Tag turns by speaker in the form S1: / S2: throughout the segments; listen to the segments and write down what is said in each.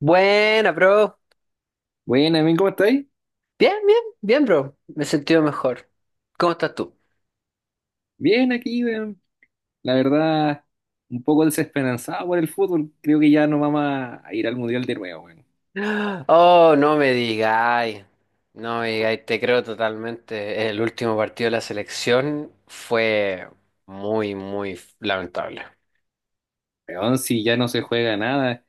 S1: Buena, bro.
S2: Bueno, Amin, ¿cómo estáis?
S1: Bien, bien, bien, bro. Me he sentido mejor. ¿Cómo estás tú?
S2: Bien aquí, weón. La verdad, un poco desesperanzado por el fútbol. Creo que ya no vamos a ir al Mundial de nuevo, weón.
S1: Oh, no me digáis. No me digáis, te creo totalmente. El último partido de la selección fue muy lamentable.
S2: Weón, si ya no se juega nada,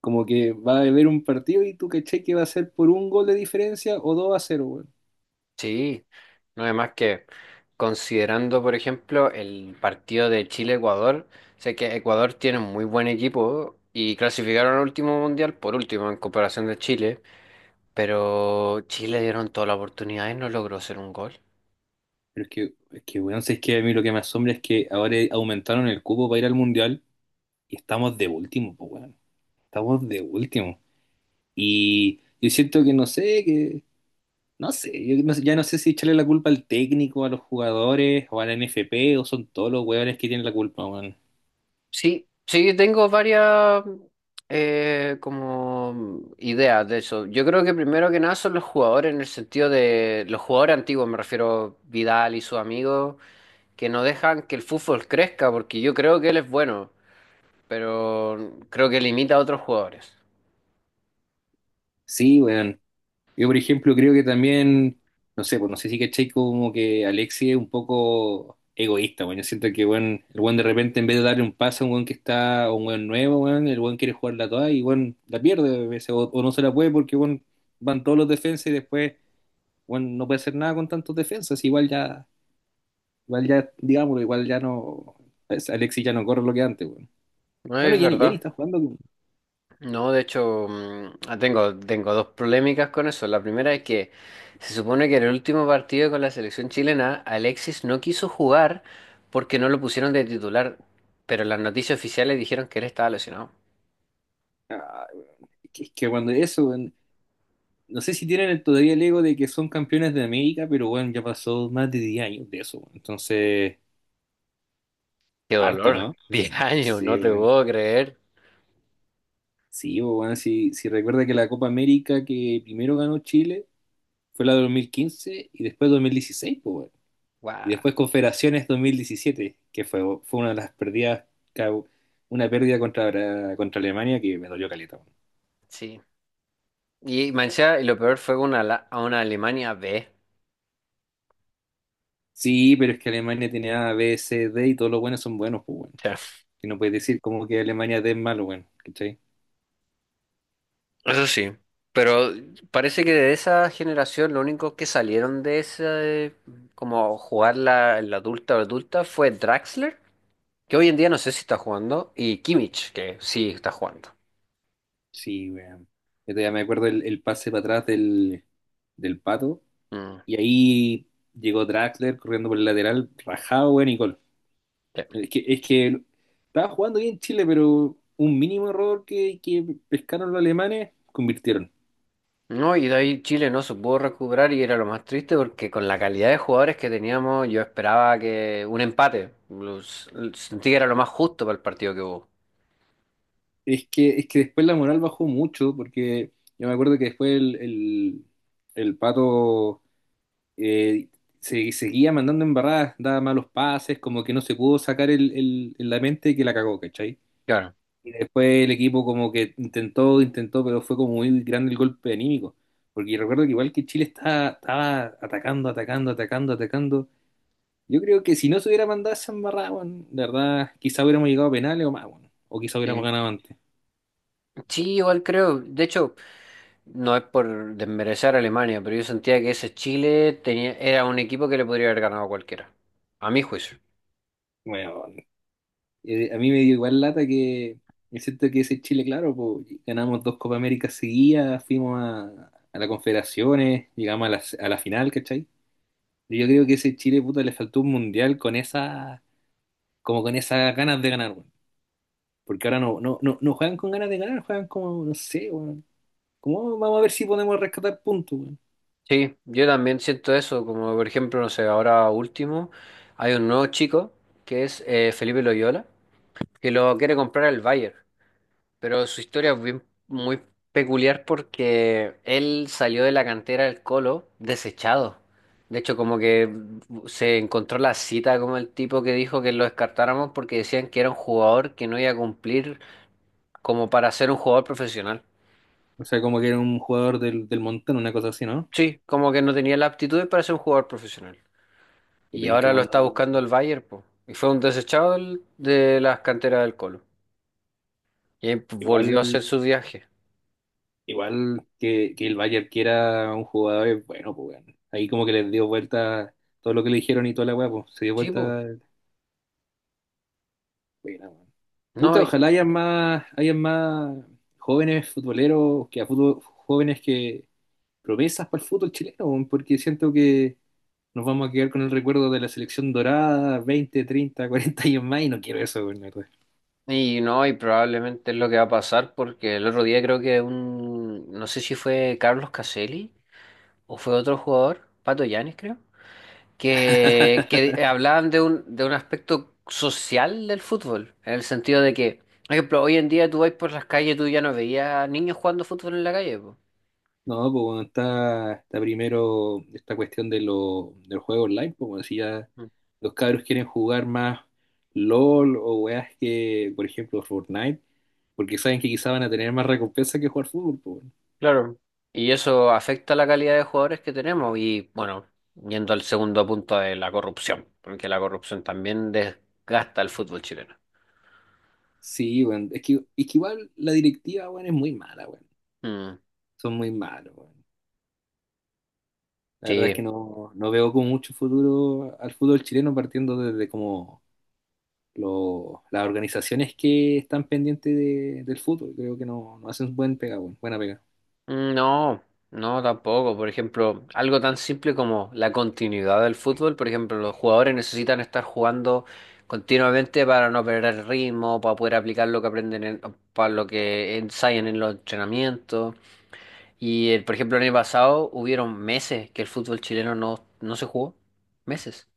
S2: como que va a haber un partido y tú caché que va a ser por un gol de diferencia o 2-0, weón.
S1: Sí, no es más que considerando, por ejemplo, el partido de Chile-Ecuador, sé que Ecuador tiene un muy buen equipo y clasificaron al último mundial por último en comparación de Chile. Pero Chile le dieron toda la oportunidad y no logró hacer un gol.
S2: Pero es que, weón, si es que a mí lo que me asombra es que ahora aumentaron el cupo para ir al Mundial y estamos de último, pues, weón. Estamos de último. Y yo siento que no sé, que no sé, yo ya no sé si echarle la culpa al técnico, a los jugadores, o a la NFP, o son todos los hueones que tienen la culpa, weón.
S1: Sí, tengo varias como ideas de eso. Yo creo que primero que nada son los jugadores en el sentido de los jugadores antiguos, me refiero Vidal y sus amigos, que no dejan que el fútbol crezca, porque yo creo que él es bueno, pero creo que limita a otros jugadores.
S2: Sí, weón. Yo, por ejemplo, creo que también, no sé, pues no sé si caché como que Alexis es un poco egoísta, weón. Yo siento que, weón, el weón de repente, en vez de darle un pase a un weón que está, o un weón nuevo, weón, el weón quiere jugarla toda y, weón, la pierde a veces, o no se la puede porque, weón, van todos los defensas y después, weón, no puede hacer nada con tantos defensas, igual ya. Igual ya, digámoslo, igual ya no. Alexis ya no corre lo que antes, weón.
S1: No
S2: Bueno,
S1: es
S2: Jenny
S1: verdad.
S2: está jugando.
S1: No, de hecho, tengo dos polémicas con eso. La primera es que se supone que en el último partido con la selección chilena, Alexis no quiso jugar porque no lo pusieron de titular, pero las noticias oficiales dijeron que él estaba lesionado.
S2: Ah, weón. Es que cuando eso, weón, no sé si tienen todavía el ego de que son campeones de América, pero bueno, ya pasó más de 10 años de eso, weón. Entonces,
S1: ¡Qué
S2: harto,
S1: dolor!
S2: ¿no?
S1: 10 años, no
S2: Sí,
S1: te
S2: bueno.
S1: puedo creer.
S2: Sí, bueno, si recuerda que la Copa América que primero ganó Chile fue la de 2015 y después 2016, pues, y
S1: ¡Guau!
S2: después Confederaciones 2017, que fue una de las pérdidas, ca- una pérdida contra Alemania que me dolió caleta, weón.
S1: Sí. Y Mancha, y lo peor fue una, la- a una Alemania B.
S2: Sí, pero es que Alemania tiene A, B, C, D y todos los buenos son buenos, pues bueno. Y no puedes decir como que Alemania D es malo, weón, ¿cachai?
S1: Eso sí, pero parece que de esa generación lo único que salieron de ese, como jugar la adulta o adulta, fue Draxler, que hoy en día no sé si está jugando, y Kimmich, que sí está jugando.
S2: Sí, weón. Yo todavía me acuerdo el pase para atrás del Pato
S1: Mm,
S2: y ahí llegó Draxler corriendo por el lateral, rajado, weón, y gol.
S1: sí.
S2: Es que estaba jugando bien Chile, pero un mínimo error que pescaron los alemanes, convirtieron.
S1: No, y de ahí Chile no se pudo recuperar y era lo más triste porque con la calidad de jugadores que teníamos yo esperaba que un empate, los- sentí que era lo más justo para el partido que hubo.
S2: Es que después la moral bajó mucho, porque yo me acuerdo que después el Pato eh, seguía mandando embarradas, daba malos pases, como que no se pudo sacar la mente que la cagó, ¿cachai?
S1: Claro.
S2: Y después el equipo como que intentó, intentó, pero fue como muy grande el golpe anímico. Porque recuerdo que igual que Chile estaba, estaba atacando, atacando, atacando, atacando. Yo creo que si no se hubiera mandado esa embarrada, weón, de verdad, quizá hubiéramos llegado a penales o más, weón. O quizá hubiéramos
S1: Sí,
S2: ganado antes.
S1: sí, igual creo. De hecho, no es por desmerecer a Alemania, pero yo sentía que ese Chile tenía, era un equipo que le podría haber ganado a cualquiera, a mi juicio.
S2: Bueno, a mí me dio igual lata me que ese Chile, claro, pues, ganamos dos Copa América seguidas, fuimos a la Confederaciones, llegamos a la final, ¿cachai? Y yo creo que ese Chile, puta, le faltó un mundial con esa, como con esas ganas de ganar, weón. Porque ahora no juegan con ganas de ganar, juegan como, no sé, weón. ¿Cómo vamos a ver si podemos rescatar puntos?
S1: Sí, yo también siento eso, como por ejemplo, no sé, ahora último, hay un nuevo chico que es Felipe Loyola, que lo quiere comprar el Bayern. Pero su historia es bien, muy peculiar porque él salió de la cantera del Colo desechado. De hecho, como que se encontró la cita como el tipo que dijo que lo descartáramos porque decían que era un jugador que no iba a cumplir como para ser un jugador profesional.
S2: O sea, como que era un jugador del montón, una cosa así, ¿no?
S1: Sí, como que no tenía la aptitud para ser un jugador profesional.
S2: Qué
S1: Y
S2: penca
S1: ahora lo
S2: cuando...
S1: está buscando el Bayern, po. Y fue un desechado del- de las canteras del Colo. Y ahí, pues,
S2: Igual,
S1: volvió a hacer su viaje.
S2: igual que el Bayern quiera un jugador, es bueno, pues bueno. Ahí como que les dio vuelta todo lo que le dijeron y toda la weá, pues, se dio
S1: Sí,
S2: vuelta.
S1: po.
S2: Buena, weón.
S1: No,
S2: Puta,
S1: y-
S2: ojalá hayan más jóvenes futboleros, que jóvenes que promesas para el fútbol chileno, weón, porque siento que nos vamos a quedar con el recuerdo de la selección dorada, 20, 30, 40 años más, y no quiero eso, weón, la verdad.
S1: y no, y probablemente es lo que va a pasar porque el otro día creo que un, no sé si fue Carlos Caselli o fue otro jugador, Pato Yanis creo, que hablaban de un aspecto social del fútbol, en el sentido de que, por ejemplo, hoy en día tú vas por las calles, tú ya no veías niños jugando fútbol en la calle, po.
S2: No, pues bueno, está primero esta cuestión del juego online, pues como ya
S1: Mm.
S2: los cabros quieren jugar más LOL o weas que, por ejemplo, Fortnite, porque saben que quizá van a tener más recompensa que jugar fútbol, pues bueno.
S1: Claro. Y eso afecta la calidad de jugadores que tenemos y bueno, yendo al segundo punto de la corrupción, porque la corrupción también desgasta el fútbol chileno.
S2: Sí, bueno, es que igual la directiva, bueno, es muy mala, bueno,
S1: Mm.
S2: son muy malos, bueno. La verdad es
S1: Sí,
S2: que no veo con mucho futuro al fútbol chileno partiendo desde como las organizaciones que están pendientes del fútbol, creo que no hacen buen pega, bueno, buena pega.
S1: mm, no, no tampoco. Por ejemplo, algo tan simple como la continuidad del fútbol. Por ejemplo, los jugadores necesitan estar jugando continuamente para no perder el ritmo, para poder aplicar lo que aprenden, en- para lo que ensayan en los entrenamientos. Y, por ejemplo, el año pasado hubieron meses que el fútbol chileno no, no se jugó. Meses.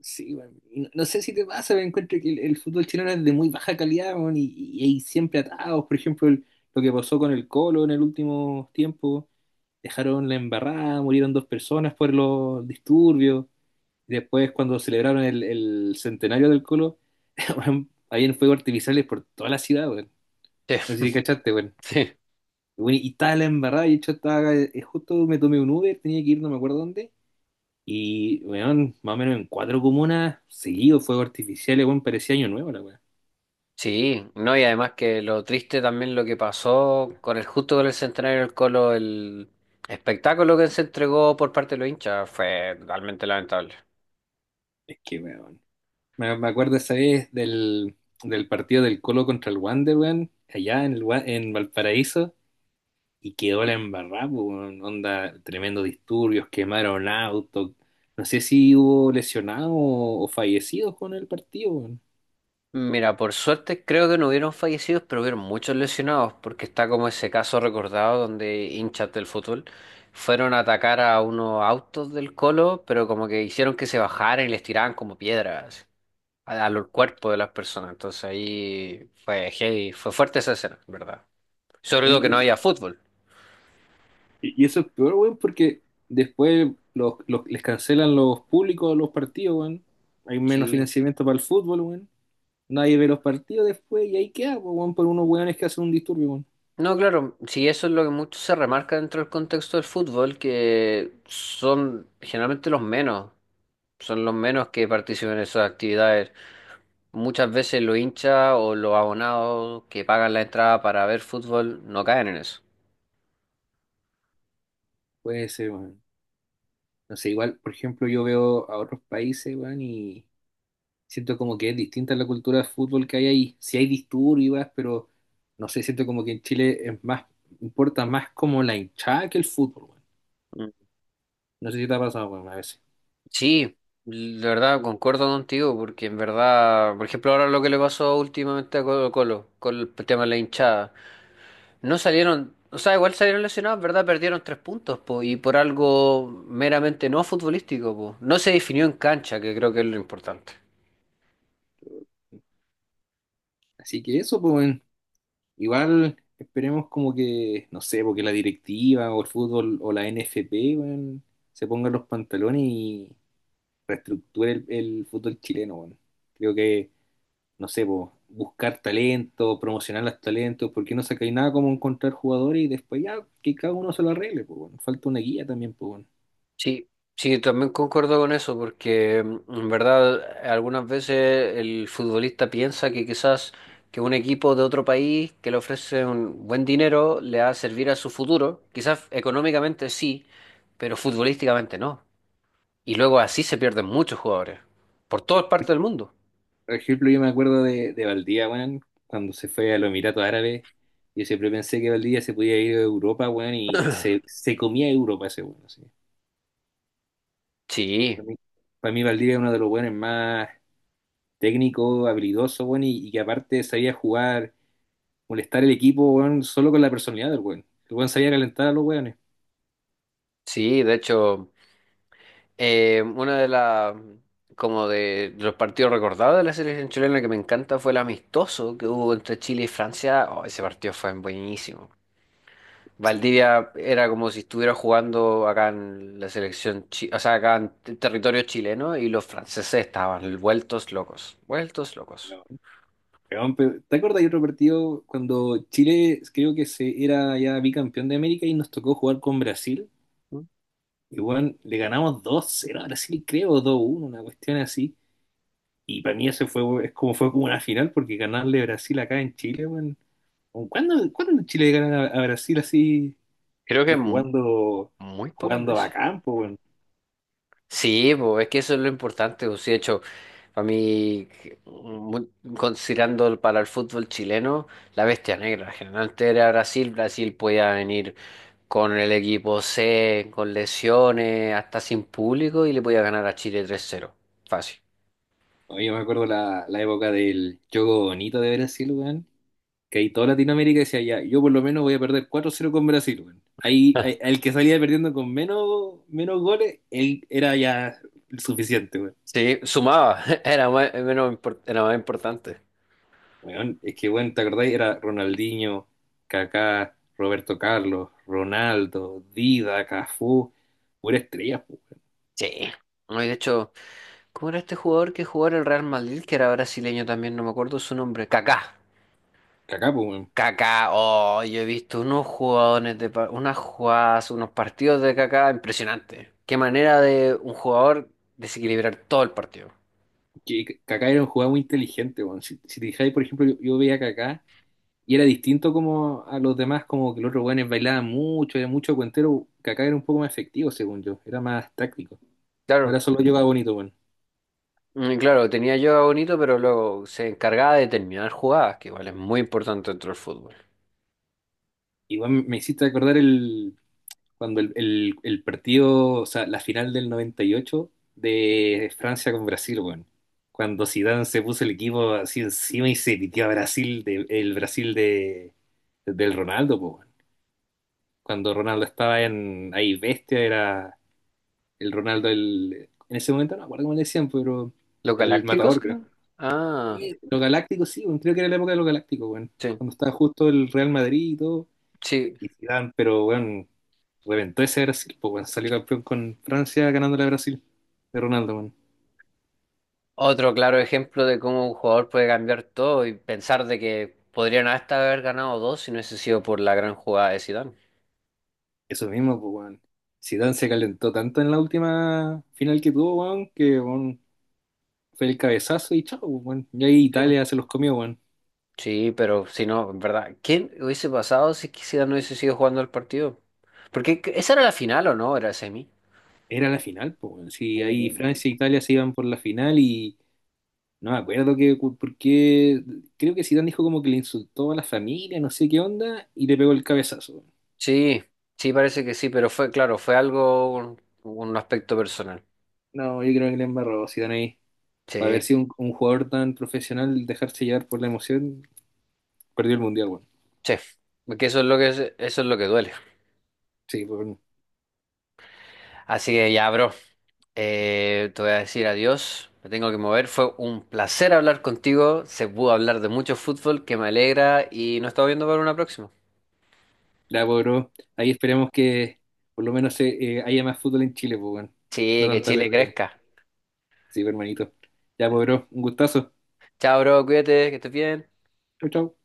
S2: Sí, bueno, y no sé si te pasa, me encuentro que el fútbol chileno es de muy baja calidad, weón, y hay siempre atados. Por ejemplo, lo que pasó con el Colo en el último tiempo, dejaron la embarrada, murieron dos personas por los disturbios. Y después, cuando celebraron el centenario del Colo, weón, habían fuegos artificiales por toda la ciudad, weón.
S1: Sí,
S2: No sé si cachaste, weón.
S1: sí.
S2: Weón, y estaba la embarrada, y de hecho estaba, justo me tomé un Uber, tenía que ir, no me acuerdo dónde. Y, weón, más o menos en cuatro comunas, seguido fuegos artificiales weón, parecía año nuevo la weón.
S1: Sí, no, y además que lo triste también lo que pasó con el justo con el centenario del Colo, el espectáculo que se entregó por parte de los hinchas fue realmente lamentable.
S2: Es que, weón. Me acuerdo esa vez del partido del Colo contra el Wander, weón, allá en Valparaíso, y quedó la embarrada, po, weón. Onda, tremendos disturbios, quemaron autos. No sé si hubo lesionados o fallecidos con el partido, weón.
S1: Mira, por suerte creo que no hubieron fallecidos, pero hubieron muchos lesionados, porque está como ese caso recordado donde hinchas del fútbol fueron a atacar a unos autos del Colo, pero como que hicieron que se bajaran y les tiraban como piedras a- al cuerpo de las personas. Entonces ahí fue heavy, fue fuerte esa escena, ¿verdad? Sobre todo que no haya fútbol.
S2: Y eso es peor, weón, porque después les cancelan los públicos a los partidos, weón. Hay menos
S1: Sí.
S2: financiamiento para el fútbol, weón. Nadie ve los partidos después y ahí queda, po, weón, por unos weones que hacen un disturbio, weón.
S1: No, claro, sí, eso es lo que mucho se remarca dentro del contexto del fútbol, que son generalmente los menos, son los menos que participan en esas actividades. Muchas veces los hinchas o los abonados que pagan la entrada para ver fútbol no caen en eso.
S2: Puede ser, weón. No sé, igual, por ejemplo, yo veo a otros países, weón, y siento como que es distinta la cultura de fútbol que hay ahí. Sí hay disturbios, y pero no sé, siento como que en Chile es más, importa más como la hinchada que el fútbol, weón.
S1: Mm.
S2: No sé si te ha pasado, weón, a veces.
S1: Sí, de verdad, concuerdo contigo, porque en verdad, por ejemplo, ahora lo que le pasó últimamente a Colo Colo, con el tema de la hinchada. No salieron, o sea, igual salieron lesionados, ¿verdad? Perdieron tres puntos, po, y por algo meramente no futbolístico, po. No se definió en cancha, que creo que es lo importante.
S2: Así que eso, pues, weón. Igual esperemos como que, no sé, porque la directiva o el fútbol o la NFP, weón, se pongan los pantalones y reestructure el fútbol chileno, weón. Creo que, no sé, po, buscar talento, promocionar los talentos, porque no sacáis nada como encontrar jugadores y después ya que cada uno se lo arregle, pues, weón. Falta una guía también, pues, weón.
S1: Sí, sí, también concuerdo con eso, porque mm, en verdad algunas veces el futbolista piensa que quizás que un equipo de otro país que le ofrece un buen dinero le va a servir a su futuro, quizás económicamente sí, pero futbolísticamente no. Y luego así se pierden muchos jugadores, por todas partes del mundo.
S2: Por ejemplo, yo me acuerdo de Valdía, weón, cuando se fue a los Emiratos Árabes. Yo siempre pensé que Valdía se podía ir a Europa, weón, y se comía Europa ese weón.
S1: Sí.
S2: Para mí, para mí Valdivia es uno de los buenos más técnico, habilidoso, bueno, y que aparte sabía jugar, molestar el equipo, bueno, solo con la personalidad del weón. El weón sabía calentar a los weones.
S1: Sí, de hecho, una de las, como de los partidos recordados de la selección chilena que me encanta fue el amistoso que hubo entre Chile y Francia. Oh, ese partido fue buenísimo.
S2: Sí, bueno.
S1: Valdivia era como si estuviera jugando acá en la selección, chi- o sea, acá en t- territorio chileno y los franceses estaban vueltos locos, vueltos locos.
S2: No, weón, ¿te acuerdas de otro partido cuando Chile creo que se era ya bicampeón de América y nos tocó jugar con Brasil?
S1: Mm.
S2: Y bueno, le ganamos 2-0 a Brasil, creo, 2-1 una cuestión así. Y para mí eso fue, es como fue como una final, porque ganarle a Brasil acá en Chile, bueno. ¿Cuándo Chile gana a Brasil así?
S1: Creo
S2: Y
S1: que mu-
S2: jugando,
S1: muy pocas
S2: jugando a
S1: veces.
S2: campo,
S1: Mm.
S2: weón.
S1: Sí, pues es que eso es lo importante. Pues, sí, de hecho, para mí, que, mu- considerando el- para el fútbol chileno, la bestia negra. Generalmente era Brasil. Brasil podía venir con el equipo C, con lesiones, hasta sin público y le podía ganar a Chile 3-0, fácil.
S2: Oye, yo me acuerdo la época del juego bonito de Brasil, weón. Que ahí toda Latinoamérica decía, ya, yo por lo menos voy a perder 4-0 con Brasil, weón. Ahí, ahí- el que salía perdiendo con menos, menos goles, él era ya suficiente, weón.
S1: Sí, sumaba. Era más, menos, impor- era más importante.
S2: Weón, es que, weón, ¿te acordáis? Era Ronaldinho, Kaká, Roberto Carlos, Ronaldo, Dida, Cafú, pura estrella, po, weón.
S1: Sí. No, y de hecho, ¿cómo era este jugador que jugó en el Real Madrid, que era brasileño también? No me acuerdo su nombre. Kaká.
S2: Kaká, pues,
S1: Kaká, oh, yo he visto unos jugadores de pa- unas jugadas, unos partidos de Kaká impresionantes. Qué manera de un jugador desequilibrar todo el partido.
S2: que Kaká era un jugador muy inteligente, weón. Si te fijáis, por ejemplo, yo veía a Kaká y era distinto como a los demás, como que los otros weones bailaban mucho, era mucho cuentero. Kaká era un poco más efectivo, según yo, era más táctico.
S1: Claro,
S2: Ahora solo llevaba bonito, weón.
S1: mm, claro, tenía yo Bonito, pero luego se encargaba de terminar jugadas, que igual es muy importante dentro del fútbol.
S2: Igual me hiciste acordar el cuando el partido, o sea, la final del 98 de Francia con Brasil, weón. Cuando Zidane se puso el equipo así encima y se pitió a Brasil, el Brasil del Ronaldo, po, weón. Cuando Ronaldo estaba en ahí bestia, era el Ronaldo, en ese momento no me acuerdo cómo le decían, pero
S1: Los
S2: el
S1: Galácticos,
S2: matador, creo.
S1: creo. Ah,
S2: Lo galáctico, sí, bueno, creo que era la época de lo galáctico, bueno,
S1: sí,
S2: cuando estaba justo el Real Madrid y todo,
S1: sí.
S2: y Zidane, pero bueno, reventó ese Brasil, pues bueno, salió campeón con Francia ganándole a Brasil de Ronaldo, bueno.
S1: Otro claro ejemplo de cómo un jugador puede cambiar todo y pensar de que podrían hasta haber ganado dos si no hubiese sido por la gran jugada de Zidane.
S2: Eso mismo, pues bueno. Zidane se calentó tanto en la última final que tuvo, bueno, que bueno, fue el cabezazo y chao, pues, bueno. Y ahí Italia se los comió, bueno.
S1: Sí, pero si no, en verdad, ¿quién hubiese pasado si quisiera no hubiese sido jugando el partido? Porque que- esa era la final o no, era semi.
S2: Era la final, pues, weón. Sí, ahí Francia e
S1: Uh.
S2: Italia se iban por la final y no me acuerdo que, por qué. Creo que Zidane dijo como que le insultó a la familia, no sé qué onda, y le pegó el cabezazo.
S1: Sí, sí, parece que sí, pero fue, claro, fue algo, un aspecto personal.
S2: No, yo creo que le embarró Zidane ahí. Para ver
S1: Sí,
S2: si un jugador tan profesional dejarse llevar por la emoción, perdió el mundial, bueno.
S1: sí, porque eso es lo que, es- eso es lo que duele.
S2: Sí, pues, weón.
S1: Así que ya, bro, te voy a decir adiós, me tengo que mover, fue un placer hablar contigo, se pudo hablar de mucho fútbol, que me alegra y nos estamos viendo para una próxima.
S2: La logró. Ahí esperamos que por lo menos haya más fútbol en Chile, pues, weón. No
S1: Sí, que
S2: tanta
S1: Chile
S2: pérdida.
S1: crezca.
S2: Sí, pues, hermanito. Ya, pues, bro, un gustazo.
S1: Chao, bro, cuídate, que estés bien.
S2: Chau, chau.